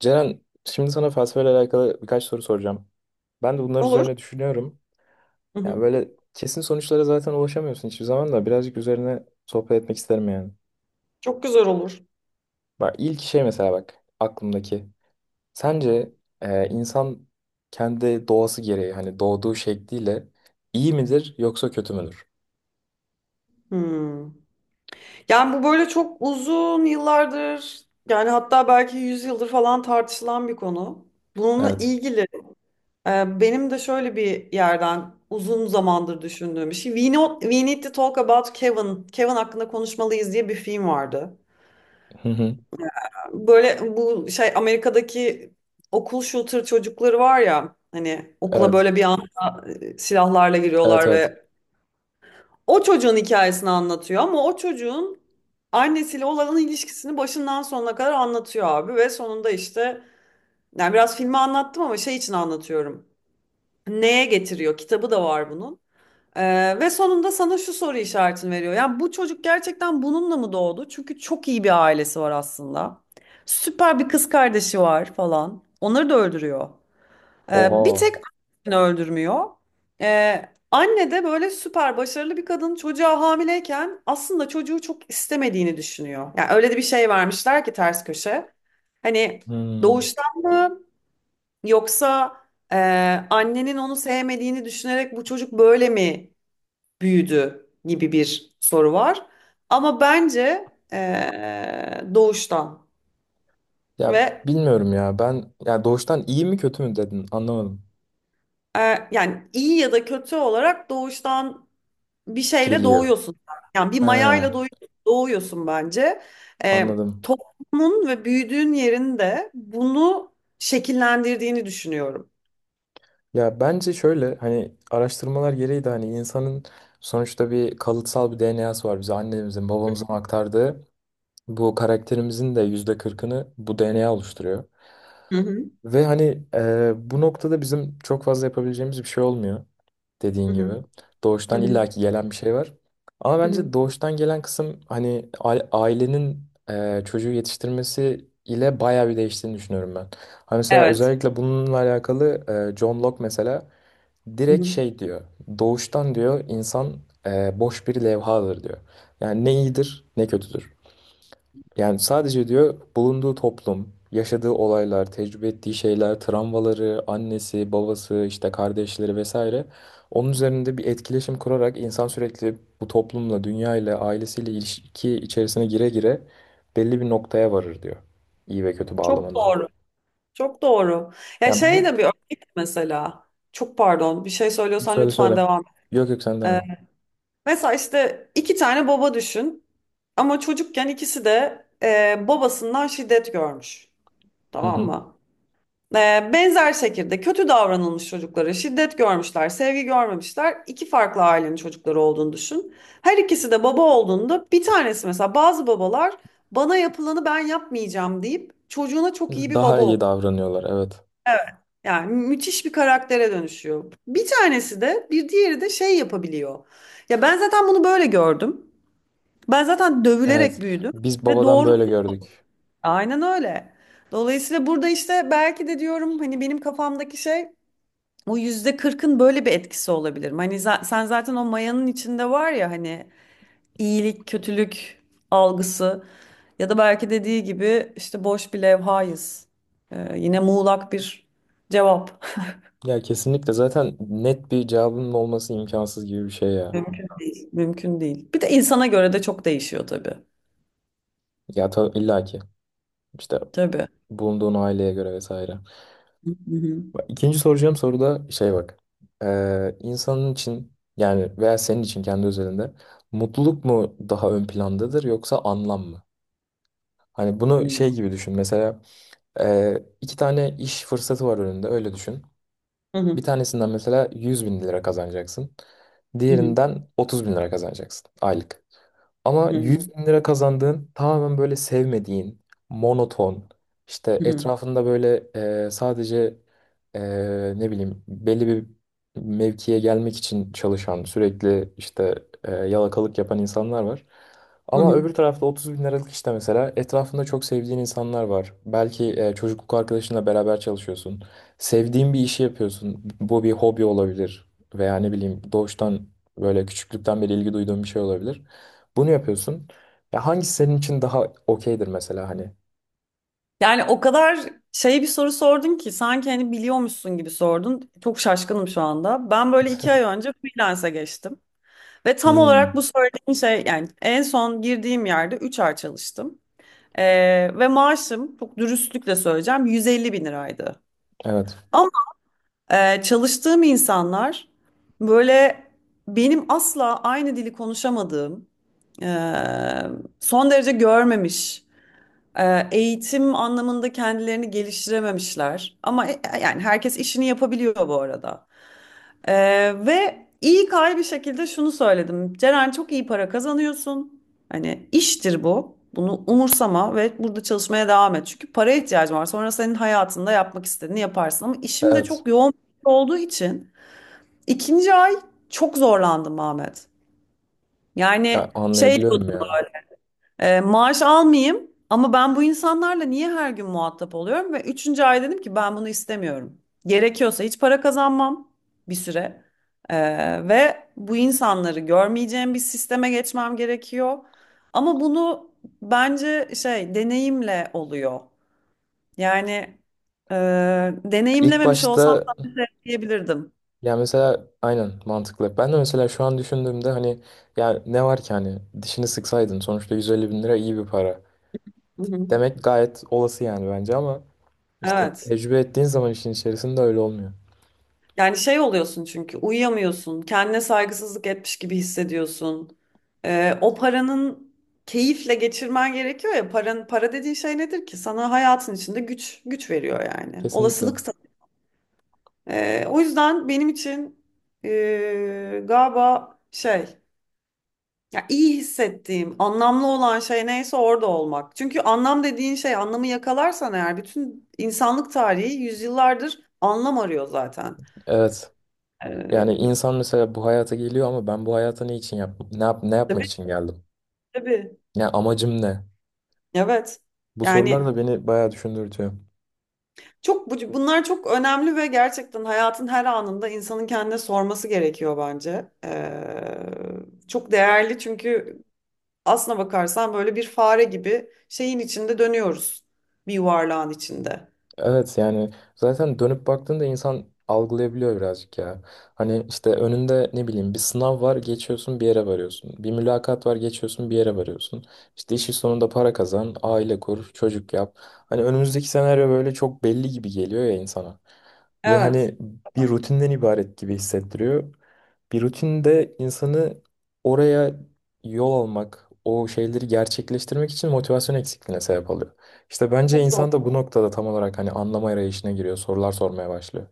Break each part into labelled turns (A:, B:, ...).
A: Ceren, şimdi sana felsefeyle alakalı birkaç soru soracağım. Ben de bunlar
B: Olur.
A: üzerine düşünüyorum.
B: Hı
A: Yani
B: hı.
A: böyle kesin sonuçlara zaten ulaşamıyorsun hiçbir zaman, da birazcık üzerine sohbet etmek isterim yani.
B: Çok güzel olur.
A: Bak ilk şey mesela, bak aklımdaki. Sence insan kendi doğası gereği, hani doğduğu şekliyle, iyi midir yoksa kötü müdür?
B: Hmm. Yani bu böyle çok uzun yıllardır, yani hatta belki yüzyıldır falan tartışılan bir konu. Bununla
A: Evet.
B: ilgili benim de şöyle bir yerden uzun zamandır düşündüğüm bir şey. We Need to Talk About Kevin. Kevin hakkında konuşmalıyız diye bir film vardı.
A: Hı hı.
B: Böyle bu şey Amerika'daki okul shooter çocukları var ya, hani okula
A: Evet.
B: böyle bir anda silahlarla
A: Evet,
B: giriyorlar
A: evet.
B: ve o çocuğun hikayesini anlatıyor, ama o çocuğun annesiyle olan ilişkisini başından sonuna kadar anlatıyor abi. Ve sonunda işte, yani biraz filmi anlattım ama şey için anlatıyorum. Neye getiriyor? Kitabı da var bunun. Ve sonunda sana şu soru işaretini veriyor. Yani bu çocuk gerçekten bununla mı doğdu? Çünkü çok iyi bir ailesi var aslında. Süper bir kız kardeşi var falan. Onları da öldürüyor. Bir
A: Oha.
B: tek annesini öldürmüyor. Anne de böyle süper başarılı bir kadın, çocuğa hamileyken aslında çocuğu çok istemediğini düşünüyor. Yani öyle de bir şey vermişler ki, ters köşe. Hani
A: Hmm.
B: doğuştan mı, yoksa e, annenin onu sevmediğini düşünerek bu çocuk böyle mi büyüdü gibi bir soru var. Ama bence doğuştan.
A: Ya
B: Ve
A: bilmiyorum ya, ben ya doğuştan iyi mi kötü mü dedin, anlamadım.
B: e, yani iyi ya da kötü olarak doğuştan bir şeyle
A: Geliyor.
B: doğuyorsun. Yani bir
A: He.
B: mayayla doğuyorsun, doğuyorsun bence. Ee,
A: Anladım.
B: toplumun ve büyüdüğün yerin de bunu şekillendirdiğini düşünüyorum.
A: Ya bence şöyle, hani araştırmalar gereği de hani insanın sonuçta bir kalıtsal bir DNA'sı var. Bize annemizin babamızın aktardığı bu karakterimizin de %40'ını bu DNA oluşturuyor.
B: Hı hı,
A: Ve hani bu noktada bizim çok fazla yapabileceğimiz bir şey olmuyor,
B: hı
A: dediğin gibi.
B: hı, hı
A: Doğuştan
B: hı,
A: illaki gelen bir şey var. Ama
B: hı hı.
A: bence doğuştan gelen kısım, hani ailenin çocuğu yetiştirmesi ile bayağı bir değiştiğini düşünüyorum ben. Hani mesela
B: Evet.
A: özellikle bununla alakalı John Locke mesela
B: Hı
A: direkt
B: hı.
A: şey diyor. Doğuştan diyor insan boş bir levhadır diyor. Yani ne iyidir ne kötüdür. Yani sadece diyor, bulunduğu toplum, yaşadığı olaylar, tecrübe ettiği şeyler, travmaları, annesi, babası, işte kardeşleri vesaire. Onun üzerinde bir etkileşim kurarak insan sürekli bu toplumla, dünyayla, ailesiyle ilişki içerisine gire gire belli bir noktaya varır diyor. İyi ve kötü
B: Çok
A: bağlamında.
B: doğru. Çok doğru. Ya
A: Yani
B: şey
A: bu
B: de bir örnek mesela. Çok pardon, bir şey söylüyorsan
A: söyle,
B: lütfen
A: söyle.
B: devam et.
A: Yok yok, sen deme.
B: Ee, mesela işte iki tane baba düşün. Ama çocukken ikisi de babasından şiddet görmüş.
A: Hı
B: Tamam
A: hı.
B: mı? Benzer şekilde kötü davranılmış çocuklara, şiddet görmüşler, sevgi görmemişler. İki farklı ailenin çocukları olduğunu düşün. Her ikisi de baba olduğunda, bir tanesi mesela, bazı babalar bana yapılanı ben yapmayacağım deyip çocuğuna çok iyi bir
A: Daha
B: baba oluyor.
A: iyi davranıyorlar, evet.
B: Evet. Yani müthiş bir karaktere dönüşüyor. Bir tanesi de, bir diğeri de şey yapabiliyor. Ya ben zaten bunu böyle gördüm. Ben zaten
A: Evet.
B: dövülerek büyüdüm
A: Biz
B: ve
A: babadan böyle
B: doğrusu
A: gördük.
B: aynen öyle. Dolayısıyla burada işte belki de diyorum, hani benim kafamdaki şey, o %40'ın böyle bir etkisi olabilir mi? Hani sen zaten o mayanın içinde var ya, hani iyilik, kötülük algısı, ya da belki dediği gibi işte boş bir levhayız. Yine muğlak bir cevap.
A: Ya kesinlikle, zaten net bir cevabının olması imkansız gibi bir şey ya.
B: Mümkün değil. Mümkün değil. Bir de insana göre de çok değişiyor tabii.
A: Ya tabii, illa ki. İşte
B: Tabii.
A: bulunduğun aileye göre vesaire.
B: Hı hı.
A: Bak, İkinci soracağım soru da şey bak. İnsanın için yani veya senin için kendi özelinde mutluluk mu daha ön plandadır yoksa anlam mı? Hani bunu
B: Hı
A: şey gibi düşün. Mesela iki tane iş fırsatı var önünde, öyle düşün. Bir
B: hı.
A: tanesinden mesela 100 bin lira kazanacaksın.
B: Hı hı.
A: Diğerinden 30 bin lira kazanacaksın aylık. Ama
B: Hı hı.
A: 100 bin lira kazandığın tamamen böyle sevmediğin, monoton, işte
B: Hı hı.
A: etrafında böyle sadece, e, ne bileyim, belli bir mevkiye gelmek için çalışan, sürekli işte yalakalık yapan insanlar var.
B: Hı
A: Ama
B: hı.
A: öbür tarafta 30 bin liralık işte mesela etrafında çok sevdiğin insanlar var. Belki çocukluk arkadaşınla beraber çalışıyorsun. Sevdiğin bir işi yapıyorsun. Bu bir hobi olabilir veya ne bileyim doğuştan böyle küçüklükten beri ilgi duyduğun bir şey olabilir. Bunu yapıyorsun. Ya hangisi senin için daha okeydir mesela hani?
B: Yani o kadar şey bir soru sordun ki, sanki hani biliyormuşsun gibi sordun. Çok şaşkınım şu anda. Ben böyle 2 ay önce freelance'e geçtim. Ve tam olarak
A: Hmm,
B: bu söylediğin şey, yani en son girdiğim yerde 3 ay çalıştım. Ve maaşım, çok dürüstlükle söyleyeceğim, 150 bin liraydı.
A: evet.
B: Ama çalıştığım insanlar böyle benim asla aynı dili konuşamadığım, e, son derece görmemiş, eğitim anlamında kendilerini geliştirememişler. Ama yani herkes işini yapabiliyor bu arada. Ve iyi kay bir şekilde şunu söyledim. Ceren, çok iyi para kazanıyorsun. Hani iştir bu. Bunu umursama ve burada çalışmaya devam et. Çünkü paraya ihtiyacın var. Sonra senin hayatında yapmak istediğini yaparsın. Ama işim de
A: Evet.
B: çok yoğun olduğu için ikinci ay çok zorlandım Ahmet.
A: Ya
B: Yani şey,
A: anlayabiliyorum ya.
B: maaş almayayım ama ben bu insanlarla niye her gün muhatap oluyorum? Ve üçüncü ay dedim ki, ben bunu istemiyorum. Gerekiyorsa hiç para kazanmam bir süre. Ve bu insanları görmeyeceğim bir sisteme geçmem gerekiyor. Ama bunu bence şey, deneyimle oluyor. Yani e,
A: İlk
B: deneyimlememiş olsam
A: başta
B: zaten şey diyebilirdim.
A: ya mesela aynen, mantıklı. Ben de mesela şu an düşündüğümde hani, ya ne var ki hani, dişini sıksaydın sonuçta 150 bin lira iyi bir para.
B: Hı hı.
A: Demek gayet olası yani bence, ama işte
B: Evet.
A: tecrübe ettiğin zaman işin içerisinde öyle olmuyor.
B: Yani şey oluyorsun, çünkü uyuyamıyorsun, kendine saygısızlık etmiş gibi hissediyorsun. O paranın keyifle geçirmen gerekiyor ya. Paran, para dediğin şey nedir ki? Sana hayatın içinde güç güç veriyor yani.
A: Kesinlikle.
B: Olasılık. O yüzden benim için, galiba şey, ya iyi hissettiğim, anlamlı olan şey neyse orada olmak. Çünkü anlam dediğin şey, anlamı yakalarsan eğer, bütün insanlık tarihi yüzyıllardır anlam arıyor zaten.
A: Evet. Yani
B: Ee,
A: insan mesela bu hayata geliyor, ama ben bu hayata ne için yap ne yap ne yapmak
B: tabii
A: için geldim?
B: tabii.
A: Ya amacım ne?
B: Evet.
A: Bu sorular
B: Yani
A: da beni bayağı düşündürtüyor.
B: çok bunlar çok önemli ve gerçekten hayatın her anında insanın kendine sorması gerekiyor bence. Çok değerli, çünkü aslına bakarsan böyle bir fare gibi şeyin içinde dönüyoruz. Bir yuvarlağın içinde.
A: Evet yani zaten dönüp baktığında insan algılayabiliyor birazcık ya. Hani işte önünde ne bileyim bir sınav var, geçiyorsun, bir yere varıyorsun. Bir mülakat var, geçiyorsun, bir yere varıyorsun. İşte işin sonunda para kazan, aile kur, çocuk yap. Hani önümüzdeki senaryo böyle çok belli gibi geliyor ya insana. Ve
B: Evet.
A: hani bir rutinden ibaret gibi hissettiriyor. Bir rutinde insanı oraya yol almak, o şeyleri gerçekleştirmek için motivasyon eksikliğine sebep oluyor. İşte bence
B: Çok doğru.
A: insan da bu noktada tam olarak hani anlama arayışına giriyor. Sorular sormaya başlıyor.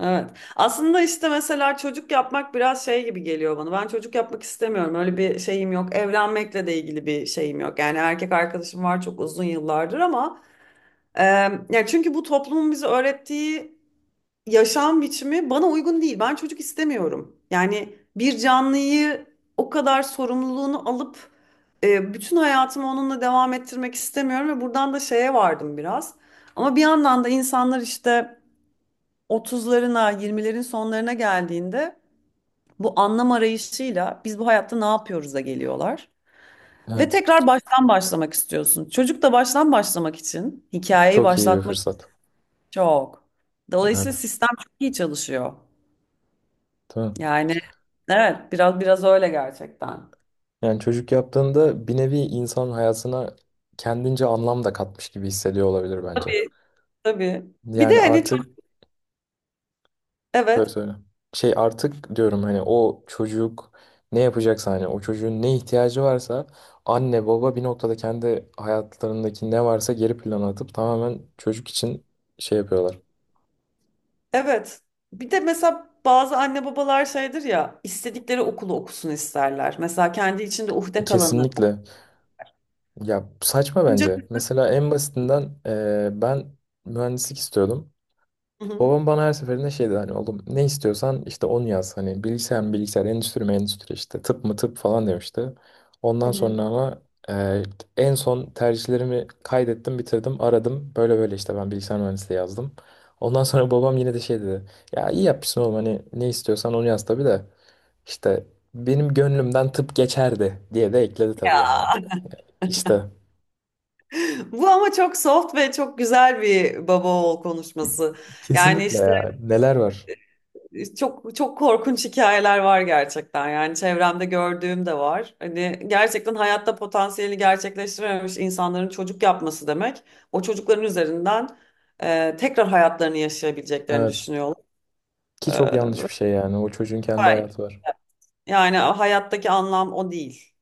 B: Evet. Aslında işte mesela çocuk yapmak biraz şey gibi geliyor bana. Ben çocuk yapmak istemiyorum. Öyle bir şeyim yok. Evlenmekle de ilgili bir şeyim yok. Yani erkek arkadaşım var çok uzun yıllardır, ama e, ya çünkü bu toplumun bize öğrettiği yaşam biçimi bana uygun değil. Ben çocuk istemiyorum. Yani bir canlıyı o kadar sorumluluğunu alıp bütün hayatımı onunla devam ettirmek istemiyorum ve buradan da şeye vardım biraz. Ama bir yandan da insanlar işte 30'larına, 20'lerin sonlarına geldiğinde, bu anlam arayışıyla biz bu hayatta ne yapıyoruz'a geliyorlar. Ve
A: Evet.
B: tekrar baştan başlamak istiyorsun. Çocuk da baştan başlamak için hikayeyi
A: Çok iyi bir
B: başlatmak,
A: fırsat.
B: çok. Dolayısıyla
A: Evet.
B: sistem çok iyi çalışıyor.
A: Tamam.
B: Yani evet, biraz biraz öyle gerçekten.
A: Yani çocuk yaptığında bir nevi insan hayatına kendince anlam da katmış gibi hissediyor olabilir bence.
B: Tabii tabii. Bir
A: Yani
B: de hani
A: artık
B: çok,
A: söyle,
B: evet
A: söyle. Şey artık diyorum, hani o çocuk ne yapacaksa, hani o çocuğun ne ihtiyacı varsa, anne baba bir noktada kendi hayatlarındaki ne varsa geri plana atıp tamamen çocuk için şey yapıyorlar.
B: evet. Bir de mesela bazı anne babalar şeydir ya, istedikleri okulu okusun isterler. Mesela kendi içinde uhde kalanı.
A: Kesinlikle. Ya saçma
B: Okuyunca.
A: bence. Mesela en basitinden, ben mühendislik istiyordum.
B: Hı hı.
A: Babam bana her seferinde şey dedi, hani oğlum ne istiyorsan işte onu yaz. Hani bilgisayar mı bilgisayar, endüstri mi endüstri, işte tıp mı tıp falan demişti. Ondan sonra
B: Hani.
A: ama eee, en son tercihlerimi kaydettim, bitirdim, aradım. Böyle böyle işte ben bilgisayar mühendisliği yazdım. Ondan sonra babam yine de şey dedi. Ya iyi yapmışsın oğlum, hani ne istiyorsan onu yaz tabii de, işte benim gönlümden tıp geçerdi diye de ekledi tabii yani. İşte.
B: Bu ama çok soft ve çok güzel bir baba oğul konuşması. Yani
A: Kesinlikle
B: işte
A: ya. Neler var.
B: çok çok korkunç hikayeler var gerçekten. Yani çevremde gördüğüm de var. Hani gerçekten hayatta potansiyeli gerçekleştirememiş insanların çocuk yapması demek. O çocukların üzerinden tekrar hayatlarını yaşayabileceklerini
A: Evet.
B: düşünüyorlar.
A: Ki
B: E,
A: çok yanlış
B: ve
A: bir şey yani. O çocuğun kendi
B: hayır.
A: hayatı var.
B: Yani hayattaki anlam o değil.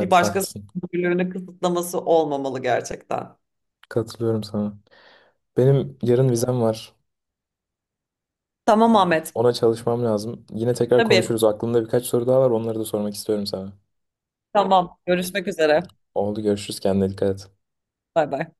B: Bir başkasının
A: haklısın.
B: özgürlüğünü kısıtlaması olmamalı gerçekten.
A: Katılıyorum sana. Benim yarın vizem var.
B: Tamam Ahmet.
A: Ona çalışmam lazım. Yine tekrar
B: Tabii.
A: konuşuruz. Aklımda birkaç soru daha var. Onları da sormak istiyorum sana.
B: Tamam. Görüşmek üzere.
A: Oldu, görüşürüz. Kendine dikkat et.
B: Bay bay.